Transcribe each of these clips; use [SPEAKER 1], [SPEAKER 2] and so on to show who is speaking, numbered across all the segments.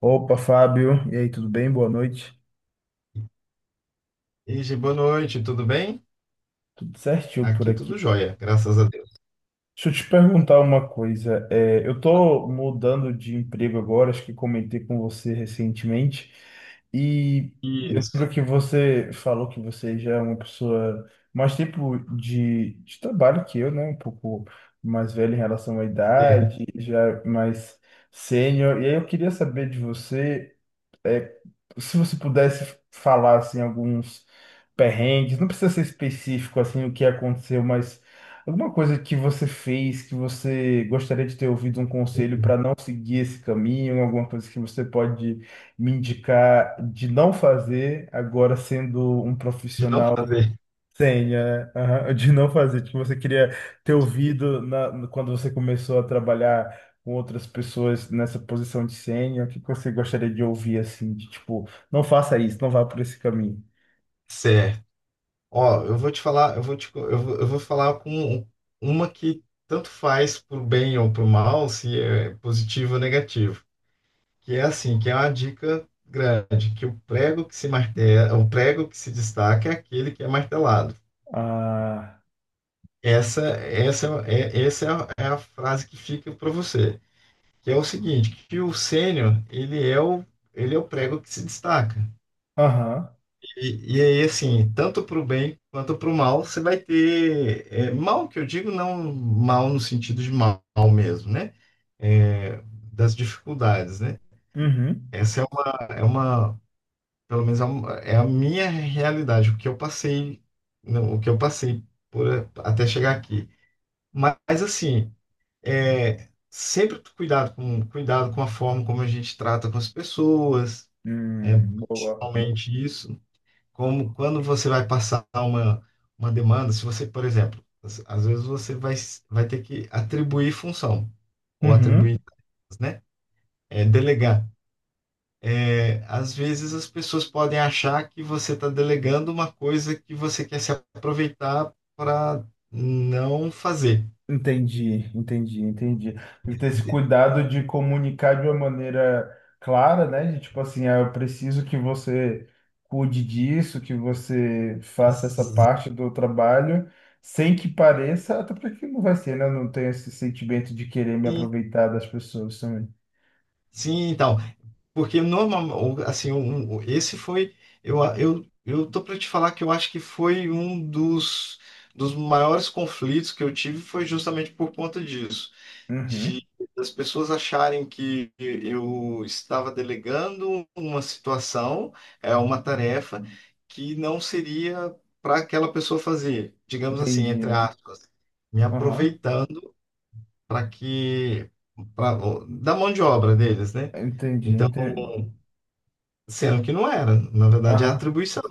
[SPEAKER 1] Opa, Fábio. E aí, tudo bem? Boa noite.
[SPEAKER 2] Ige, boa noite, tudo bem?
[SPEAKER 1] Tudo certinho por
[SPEAKER 2] Aqui
[SPEAKER 1] aqui.
[SPEAKER 2] tudo jóia, graças a Deus.
[SPEAKER 1] Deixa eu te perguntar uma coisa. Eu tô mudando de emprego agora, acho que comentei com você recentemente. E lembro
[SPEAKER 2] Isso,
[SPEAKER 1] que você falou que você já é uma pessoa mais tempo de trabalho que eu, né? Um pouco mais velha em relação à
[SPEAKER 2] certo.
[SPEAKER 1] idade, já mais sênior. E aí eu queria saber de você. é, Se você pudesse falar assim alguns perrengues, não precisa ser específico assim o que aconteceu, mas alguma coisa que você fez que você gostaria de ter ouvido um conselho
[SPEAKER 2] Enfim,
[SPEAKER 1] para não seguir esse caminho, alguma coisa que você pode me indicar de não fazer agora sendo um
[SPEAKER 2] de não
[SPEAKER 1] profissional
[SPEAKER 2] fazer.
[SPEAKER 1] Senha, né? Aham. De não fazer. Tipo, você queria ter ouvido na, no- quando você começou a trabalhar com outras pessoas nessa posição de senha, o que que você gostaria de ouvir, assim, de tipo, não faça isso, não vá por esse caminho.
[SPEAKER 2] Certo. Ó, eu vou te falar, eu vou te, co- eu vou falar com uma que tanto faz pro bem ou pro mal, se é positivo ou negativo. Que é assim, que é uma dica grande, que o prego que se martela, o prego que se destaca é aquele que é martelado.
[SPEAKER 1] Ah,
[SPEAKER 2] Essa essa é a frase que fica para você. Que é o seguinte, que o sênior, ele é o prego que se destaca.
[SPEAKER 1] aham,
[SPEAKER 2] E aí, assim, tanto para o bem quanto para o mal, você vai ter, mal que eu digo, não mal no sentido de mal mesmo, né? É, Das dificuldades, né?
[SPEAKER 1] uhum,
[SPEAKER 2] Essa é uma, é uma, pelo menos é a minha realidade, o que eu passei, não, o que eu passei por, até chegar aqui. Mas, assim, sempre cuidado com a forma como a gente trata com as pessoas, é,
[SPEAKER 1] boa.
[SPEAKER 2] principalmente isso. Como quando você vai passar uma demanda, se você, por exemplo, às vezes você vai ter que atribuir função, ou atribuir,
[SPEAKER 1] Uhum.
[SPEAKER 2] né? Delegar. Às vezes as pessoas podem achar que você está delegando uma coisa que você quer se aproveitar para não fazer.
[SPEAKER 1] Entendi, entendi, entendi. Tem que ter esse cuidado de comunicar de uma maneira clara, né? De tipo assim, ah, eu preciso que você cuide disso, que você faça essa parte do trabalho, sem que pareça, até porque não vai ser, né? Eu não tenho esse sentimento de querer me
[SPEAKER 2] E,
[SPEAKER 1] aproveitar das pessoas também.
[SPEAKER 2] sim, então. Porque normal, assim, um- um- esse foi, eu, a- eu, eu tô para te falar que eu acho que foi um dos, dos maiores conflitos que eu tive foi justamente por conta disso,
[SPEAKER 1] Uhum,
[SPEAKER 2] de as pessoas acharem que eu estava delegando uma situação, é uma tarefa que não seria para aquela pessoa fazer, digamos assim, entre
[SPEAKER 1] entendi.
[SPEAKER 2] aspas, me
[SPEAKER 1] Aham,
[SPEAKER 2] aproveitando para que, para da mão de obra deles, né?
[SPEAKER 1] entendi,
[SPEAKER 2] Então,
[SPEAKER 1] entendi.
[SPEAKER 2] sendo que não era, na verdade é
[SPEAKER 1] Aham.
[SPEAKER 2] atribuição,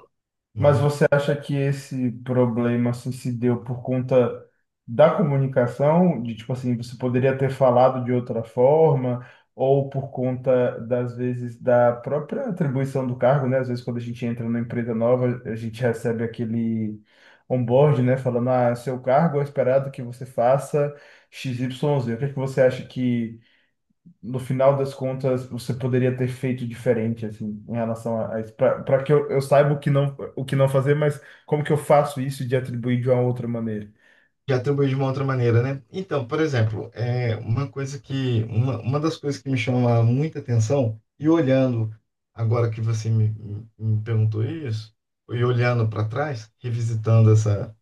[SPEAKER 1] Mas
[SPEAKER 2] né?
[SPEAKER 1] você acha que esse problema assim se deu por conta da comunicação, de tipo assim, você poderia ter falado de outra forma, ou por conta das vezes da própria atribuição do cargo, né? Às vezes quando a gente entra numa empresa nova, a gente recebe aquele onboard, né, falando, ah, seu cargo é esperado que você faça XYZ. O que é que você acha que no final das contas você poderia ter feito diferente, assim, em relação a isso, para que eu saiba o que não fazer, mas como que eu faço isso de atribuir de uma outra maneira?
[SPEAKER 2] Que atribui de uma outra maneira, né? Então, por exemplo, é uma coisa que, uma das coisas que me chama muita atenção, e olhando, agora que você me perguntou isso, e olhando para trás, revisitando essa,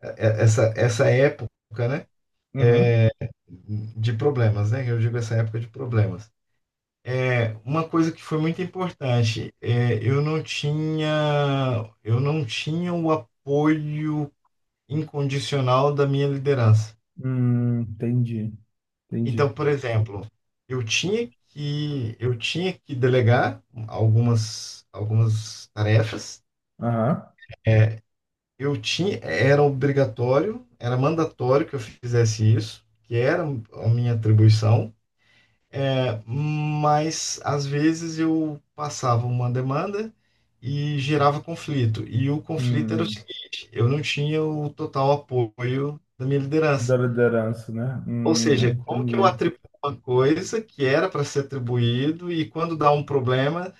[SPEAKER 2] é- essa, essa época, né?
[SPEAKER 1] Uhum.
[SPEAKER 2] É, de problemas, né? Eu digo essa época de problemas. Uma coisa que foi muito importante, eu não tinha o apoio incondicional da minha liderança.
[SPEAKER 1] Entendi,
[SPEAKER 2] Então,
[SPEAKER 1] entendi.
[SPEAKER 2] por exemplo, eu tinha que delegar algumas tarefas.
[SPEAKER 1] Aham.
[SPEAKER 2] É, Eu tinha Era obrigatório, era mandatório que eu fizesse isso, que era a minha atribuição. Mas às vezes eu passava uma demanda e gerava conflito. E o conflito era o
[SPEAKER 1] Hum,
[SPEAKER 2] seguinte: eu não tinha o total apoio da minha liderança.
[SPEAKER 1] da liderança, né?
[SPEAKER 2] Ou seja, como que eu
[SPEAKER 1] Entendi.
[SPEAKER 2] atribuo uma coisa que era para ser atribuído e quando dá um problema,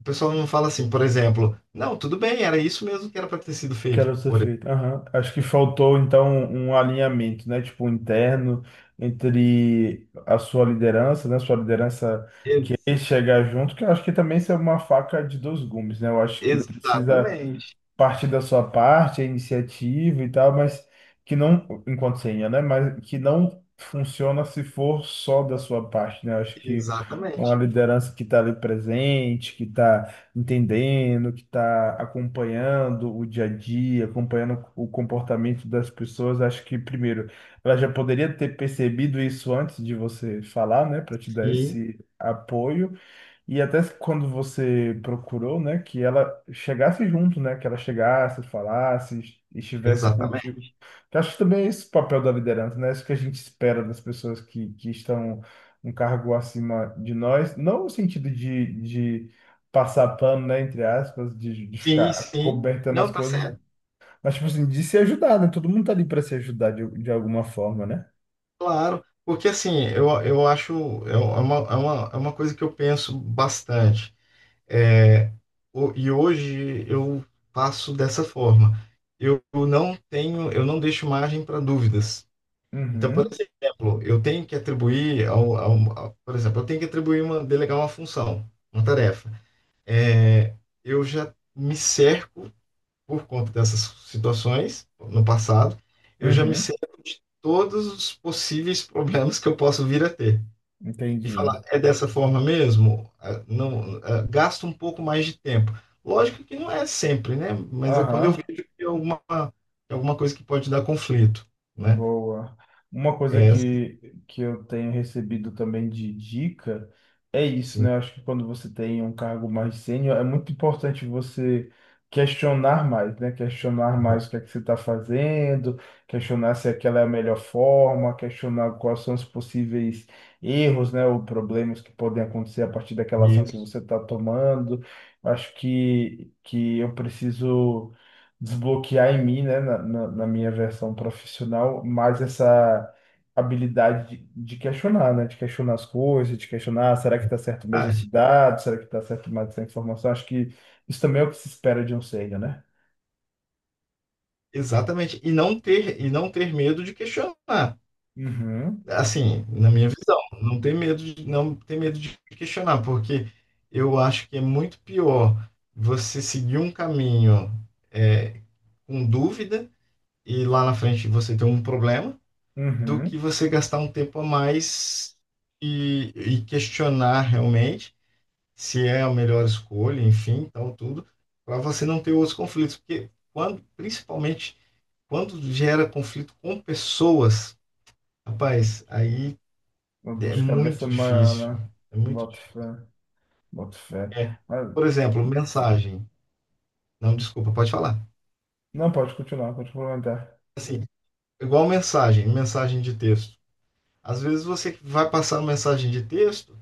[SPEAKER 2] o pessoal não fala assim, por exemplo, não, tudo bem, era isso mesmo que era para ter sido feito
[SPEAKER 1] Quero ser
[SPEAKER 2] por
[SPEAKER 1] feito. Aham. Acho que faltou então um alinhamento, né? Tipo, interno entre a sua liderança, né? Sua liderança
[SPEAKER 2] eles.
[SPEAKER 1] querer chegar junto, que eu acho que também isso é uma faca de dois gumes, né? Eu acho que precisa
[SPEAKER 2] Exatamente,
[SPEAKER 1] parte da sua parte, a iniciativa e tal, mas que não, enquanto senha, né? Mas que não funciona se for só da sua parte, né? Acho que uma
[SPEAKER 2] exatamente.
[SPEAKER 1] liderança que está ali presente, que está entendendo, que está acompanhando o dia a dia, acompanhando o comportamento das pessoas, acho que primeiro ela já poderia ter percebido isso antes de você falar, né? Para te dar
[SPEAKER 2] Sim,
[SPEAKER 1] esse apoio. E até quando você procurou, né, que ela chegasse junto, né, que ela chegasse, falasse, estivesse contigo.
[SPEAKER 2] exatamente.
[SPEAKER 1] Que acho que também é esse o papel da liderança, né. É isso que a gente espera das pessoas que estão um cargo acima de nós, não no sentido de passar pano, né, entre aspas, de
[SPEAKER 2] Sim,
[SPEAKER 1] ficar
[SPEAKER 2] sim.
[SPEAKER 1] cobertando as
[SPEAKER 2] Não, tá
[SPEAKER 1] coisas,
[SPEAKER 2] certo,
[SPEAKER 1] mas tipo assim, de se ajudar, né, todo mundo tá ali para se ajudar de alguma forma, né?
[SPEAKER 2] claro. Porque assim, eu acho, é uma coisa que eu penso bastante. É, e hoje eu faço dessa forma. Eu não tenho, eu não deixo margem para dúvidas. Então, por
[SPEAKER 1] Uhum,
[SPEAKER 2] exemplo, eu tenho que atribuir por exemplo, eu tenho que delegar uma função, uma tarefa. É, Eu já me cerco por conta dessas situações no passado, eu já me
[SPEAKER 1] uhum,
[SPEAKER 2] cerco de todos os possíveis problemas que eu posso vir a ter e
[SPEAKER 1] entendi.
[SPEAKER 2] falar, é dessa forma mesmo? Ah, não, ah, gasta um pouco mais de tempo. Lógico que não é sempre, né? Mas é quando eu
[SPEAKER 1] Aham.
[SPEAKER 2] vejo que é alguma coisa que pode dar conflito, né?
[SPEAKER 1] Boa. Uma coisa
[SPEAKER 2] É,
[SPEAKER 1] que eu tenho recebido também de dica é isso,
[SPEAKER 2] sim,
[SPEAKER 1] né? Eu acho que quando você tem um cargo mais sênior, é muito importante você questionar mais, né? Questionar
[SPEAKER 2] tá.
[SPEAKER 1] mais o que é que você está fazendo, questionar se aquela é a melhor forma, questionar quais são os possíveis erros, né? Ou problemas que podem acontecer a partir daquela ação que
[SPEAKER 2] Isso.
[SPEAKER 1] você está tomando. Eu acho que eu preciso desbloquear em mim, né, na minha versão profissional, mais essa habilidade de questionar, né, de questionar as coisas, de questionar, "Ah, será que está certo mesmo
[SPEAKER 2] Ah,
[SPEAKER 1] esse dado? Será que está certo mais essa informação? Acho que isso também é o que se espera de um sênior, né?
[SPEAKER 2] exatamente. E não ter medo de questionar.
[SPEAKER 1] Uhum,
[SPEAKER 2] Assim, na minha visão, não ter medo de questionar, porque eu acho que é muito pior você seguir um caminho, é, com dúvida e lá na frente você tem um problema, do que
[SPEAKER 1] uhum.
[SPEAKER 2] você gastar um tempo a mais e questionar realmente se é a melhor escolha, enfim, tal, tudo, para você não ter outros conflitos. Porque quando, principalmente quando gera conflito com pessoas, rapaz, aí
[SPEAKER 1] Uma dor
[SPEAKER 2] é
[SPEAKER 1] de cabeça
[SPEAKER 2] muito
[SPEAKER 1] maior,
[SPEAKER 2] difícil.
[SPEAKER 1] né?
[SPEAKER 2] É muito
[SPEAKER 1] Boto fé,
[SPEAKER 2] difícil.
[SPEAKER 1] boto fé.
[SPEAKER 2] É,
[SPEAKER 1] Mas,
[SPEAKER 2] por exemplo, mensagem. Não, desculpa, pode falar.
[SPEAKER 1] não, pode continuar, pode complementar.
[SPEAKER 2] Assim, igual mensagem, mensagem de texto. Às vezes você vai passar uma mensagem de texto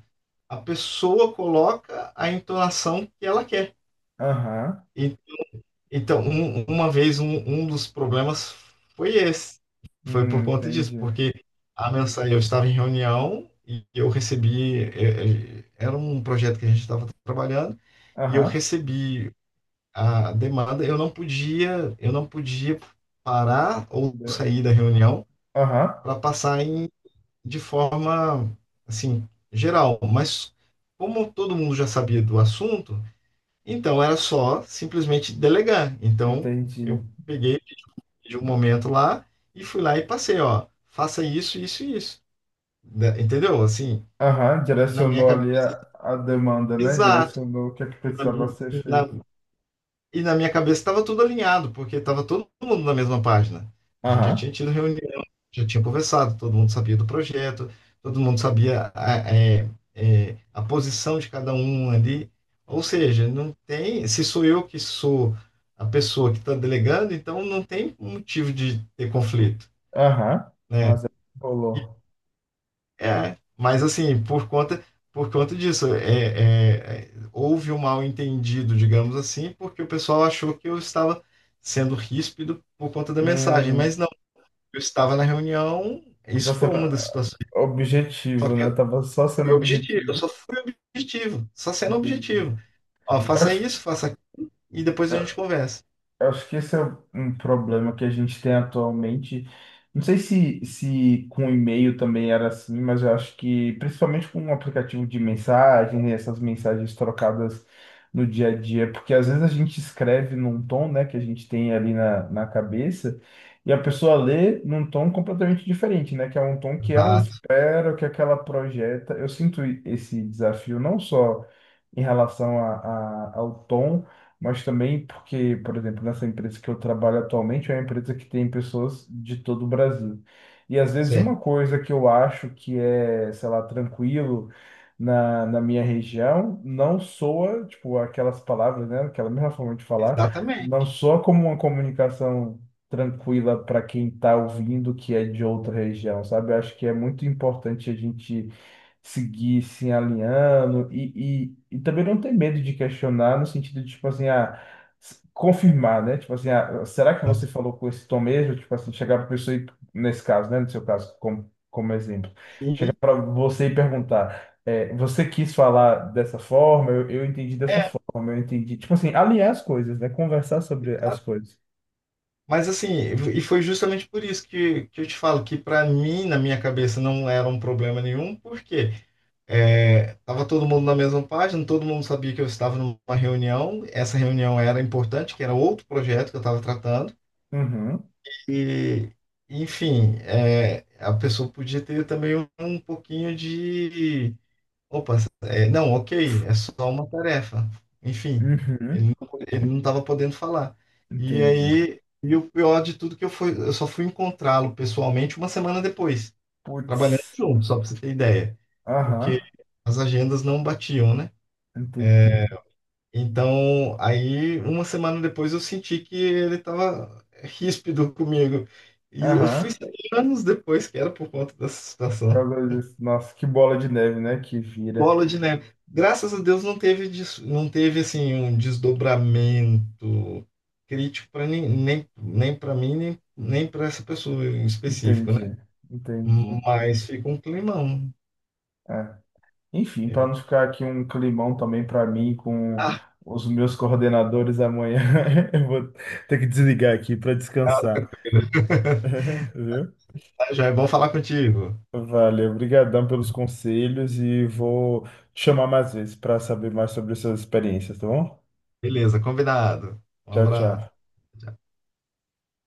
[SPEAKER 2] a pessoa coloca a entonação que ela quer.
[SPEAKER 1] Aham,
[SPEAKER 2] E então, uma vez, um dos problemas foi esse. Foi por conta disso,
[SPEAKER 1] entendi.
[SPEAKER 2] porque a mensagem, eu estava em reunião e eu recebi, era um projeto que a gente estava trabalhando, e eu
[SPEAKER 1] Aham,
[SPEAKER 2] recebi a demanda, eu não podia parar
[SPEAKER 1] Meu
[SPEAKER 2] ou
[SPEAKER 1] Deus.
[SPEAKER 2] sair da reunião
[SPEAKER 1] Aham,
[SPEAKER 2] para passar de forma, assim, geral. Mas como todo mundo já sabia do assunto, então era só simplesmente delegar. Então
[SPEAKER 1] entendi.
[SPEAKER 2] eu peguei, de um pedi um momento lá e fui lá e passei, ó, faça isso, isso e isso. Entendeu? Assim,
[SPEAKER 1] Aham,
[SPEAKER 2] na minha
[SPEAKER 1] direcionou
[SPEAKER 2] cabeça.
[SPEAKER 1] ali a demanda, né?
[SPEAKER 2] Exato.
[SPEAKER 1] Direcionou o que é que precisava ser
[SPEAKER 2] Na
[SPEAKER 1] feito.
[SPEAKER 2] E na minha cabeça estava tudo alinhado, porque estava todo mundo na mesma página. A gente já tinha
[SPEAKER 1] Aham,
[SPEAKER 2] tido reunião, já tinha conversado, todo mundo sabia do projeto, todo mundo sabia a posição de cada um ali. Ou seja, não tem. Se sou eu que sou a pessoa que está delegando, então não tem motivo de ter conflito,
[SPEAKER 1] aham,
[SPEAKER 2] né?
[SPEAKER 1] mas aí rolou.
[SPEAKER 2] Mas assim, por conta disso, houve um mal-entendido, digamos assim, porque o pessoal achou que eu estava sendo ríspido por conta da mensagem,
[SPEAKER 1] Hum,
[SPEAKER 2] mas não, eu estava na reunião, isso
[SPEAKER 1] você,
[SPEAKER 2] foi uma das situações, só
[SPEAKER 1] objetivo,
[SPEAKER 2] que
[SPEAKER 1] né?
[SPEAKER 2] eu
[SPEAKER 1] Tava só sendo
[SPEAKER 2] fui objetivo, eu
[SPEAKER 1] objetivo.
[SPEAKER 2] só fui objetivo, só sendo
[SPEAKER 1] Entendi.
[SPEAKER 2] objetivo. Ó,
[SPEAKER 1] Eu
[SPEAKER 2] faça
[SPEAKER 1] acho
[SPEAKER 2] isso, faça aquilo, e depois a
[SPEAKER 1] que.
[SPEAKER 2] gente conversa.
[SPEAKER 1] Eu acho que esse é um problema que a gente tem atualmente. Não sei se, se com e-mail também era assim, mas eu acho que principalmente com um aplicativo de mensagem, essas mensagens trocadas no dia a dia, porque às vezes a gente escreve num tom, né, que a gente tem ali na cabeça, e a pessoa lê num tom completamente diferente, né, que é um tom que ela
[SPEAKER 2] Exato,
[SPEAKER 1] espera, que aquela projeta. Eu sinto esse desafio não só em relação ao tom, mas também porque, por exemplo, nessa empresa que eu trabalho atualmente é uma empresa que tem pessoas de todo o Brasil. E às vezes
[SPEAKER 2] certo.
[SPEAKER 1] uma coisa que eu acho que é, sei lá, tranquilo na minha região, não soa, tipo, aquelas palavras, né, aquela mesma forma de falar, não
[SPEAKER 2] Exatamente.
[SPEAKER 1] soa como uma comunicação tranquila para quem está ouvindo que é de outra região, sabe? Eu acho que é muito importante a gente seguir se alinhando e também não ter medo de questionar no sentido de, tipo assim, ah, confirmar, né? Tipo assim, ah, será que você falou com esse tom mesmo? Tipo assim, chegar para pessoa e, nesse caso, né? No seu caso, como, como exemplo, chegar
[SPEAKER 2] E,
[SPEAKER 1] para você e perguntar, é, você quis falar dessa forma? Eu entendi dessa
[SPEAKER 2] é,
[SPEAKER 1] forma, eu entendi. Tipo assim, alinhar as coisas, né? Conversar sobre as coisas.
[SPEAKER 2] Mas assim, e foi justamente por isso que eu te falo que para mim, na minha cabeça, não era um problema nenhum, porque tava todo mundo na mesma página, todo mundo sabia que eu estava numa reunião, essa reunião era importante, que era outro projeto que eu estava tratando,
[SPEAKER 1] Uhum,
[SPEAKER 2] e enfim, a pessoa podia ter também um pouquinho de, opa, é, não, ok, é só uma tarefa, enfim
[SPEAKER 1] uhum,
[SPEAKER 2] ele não estava podendo falar. E
[SPEAKER 1] entendi.
[SPEAKER 2] aí, e o pior de tudo que eu só fui encontrá-lo pessoalmente uma semana depois, trabalhando
[SPEAKER 1] Putz,
[SPEAKER 2] junto, só para você ter ideia,
[SPEAKER 1] aham,
[SPEAKER 2] porque as agendas não batiam, né?
[SPEAKER 1] entendi.
[SPEAKER 2] Então, aí uma semana depois eu senti que ele estava ríspido comigo. E eu fui
[SPEAKER 1] Aham.
[SPEAKER 2] saber anos depois que era por conta dessa situação.
[SPEAKER 1] Causa disso. Nossa, que bola de neve, né? Que vira.
[SPEAKER 2] Bola de neve. Graças a Deus não teve assim um desdobramento crítico para nem para mim, nem para essa pessoa em específico, né?
[SPEAKER 1] Entendi, entendi.
[SPEAKER 2] Mas fica um climão.
[SPEAKER 1] É. Enfim, para não ficar aqui um climão também para mim com os meus coordenadores amanhã, eu vou ter que desligar aqui para descansar.
[SPEAKER 2] Ah,
[SPEAKER 1] Viu?
[SPEAKER 2] tá, joia, bom falar contigo.
[SPEAKER 1] Valeu, obrigadão pelos conselhos e vou te chamar mais vezes para saber mais sobre essas experiências, tá bom?
[SPEAKER 2] Beleza, combinado. Um
[SPEAKER 1] Tchau,
[SPEAKER 2] abraço.
[SPEAKER 1] tchau.
[SPEAKER 2] Tchau.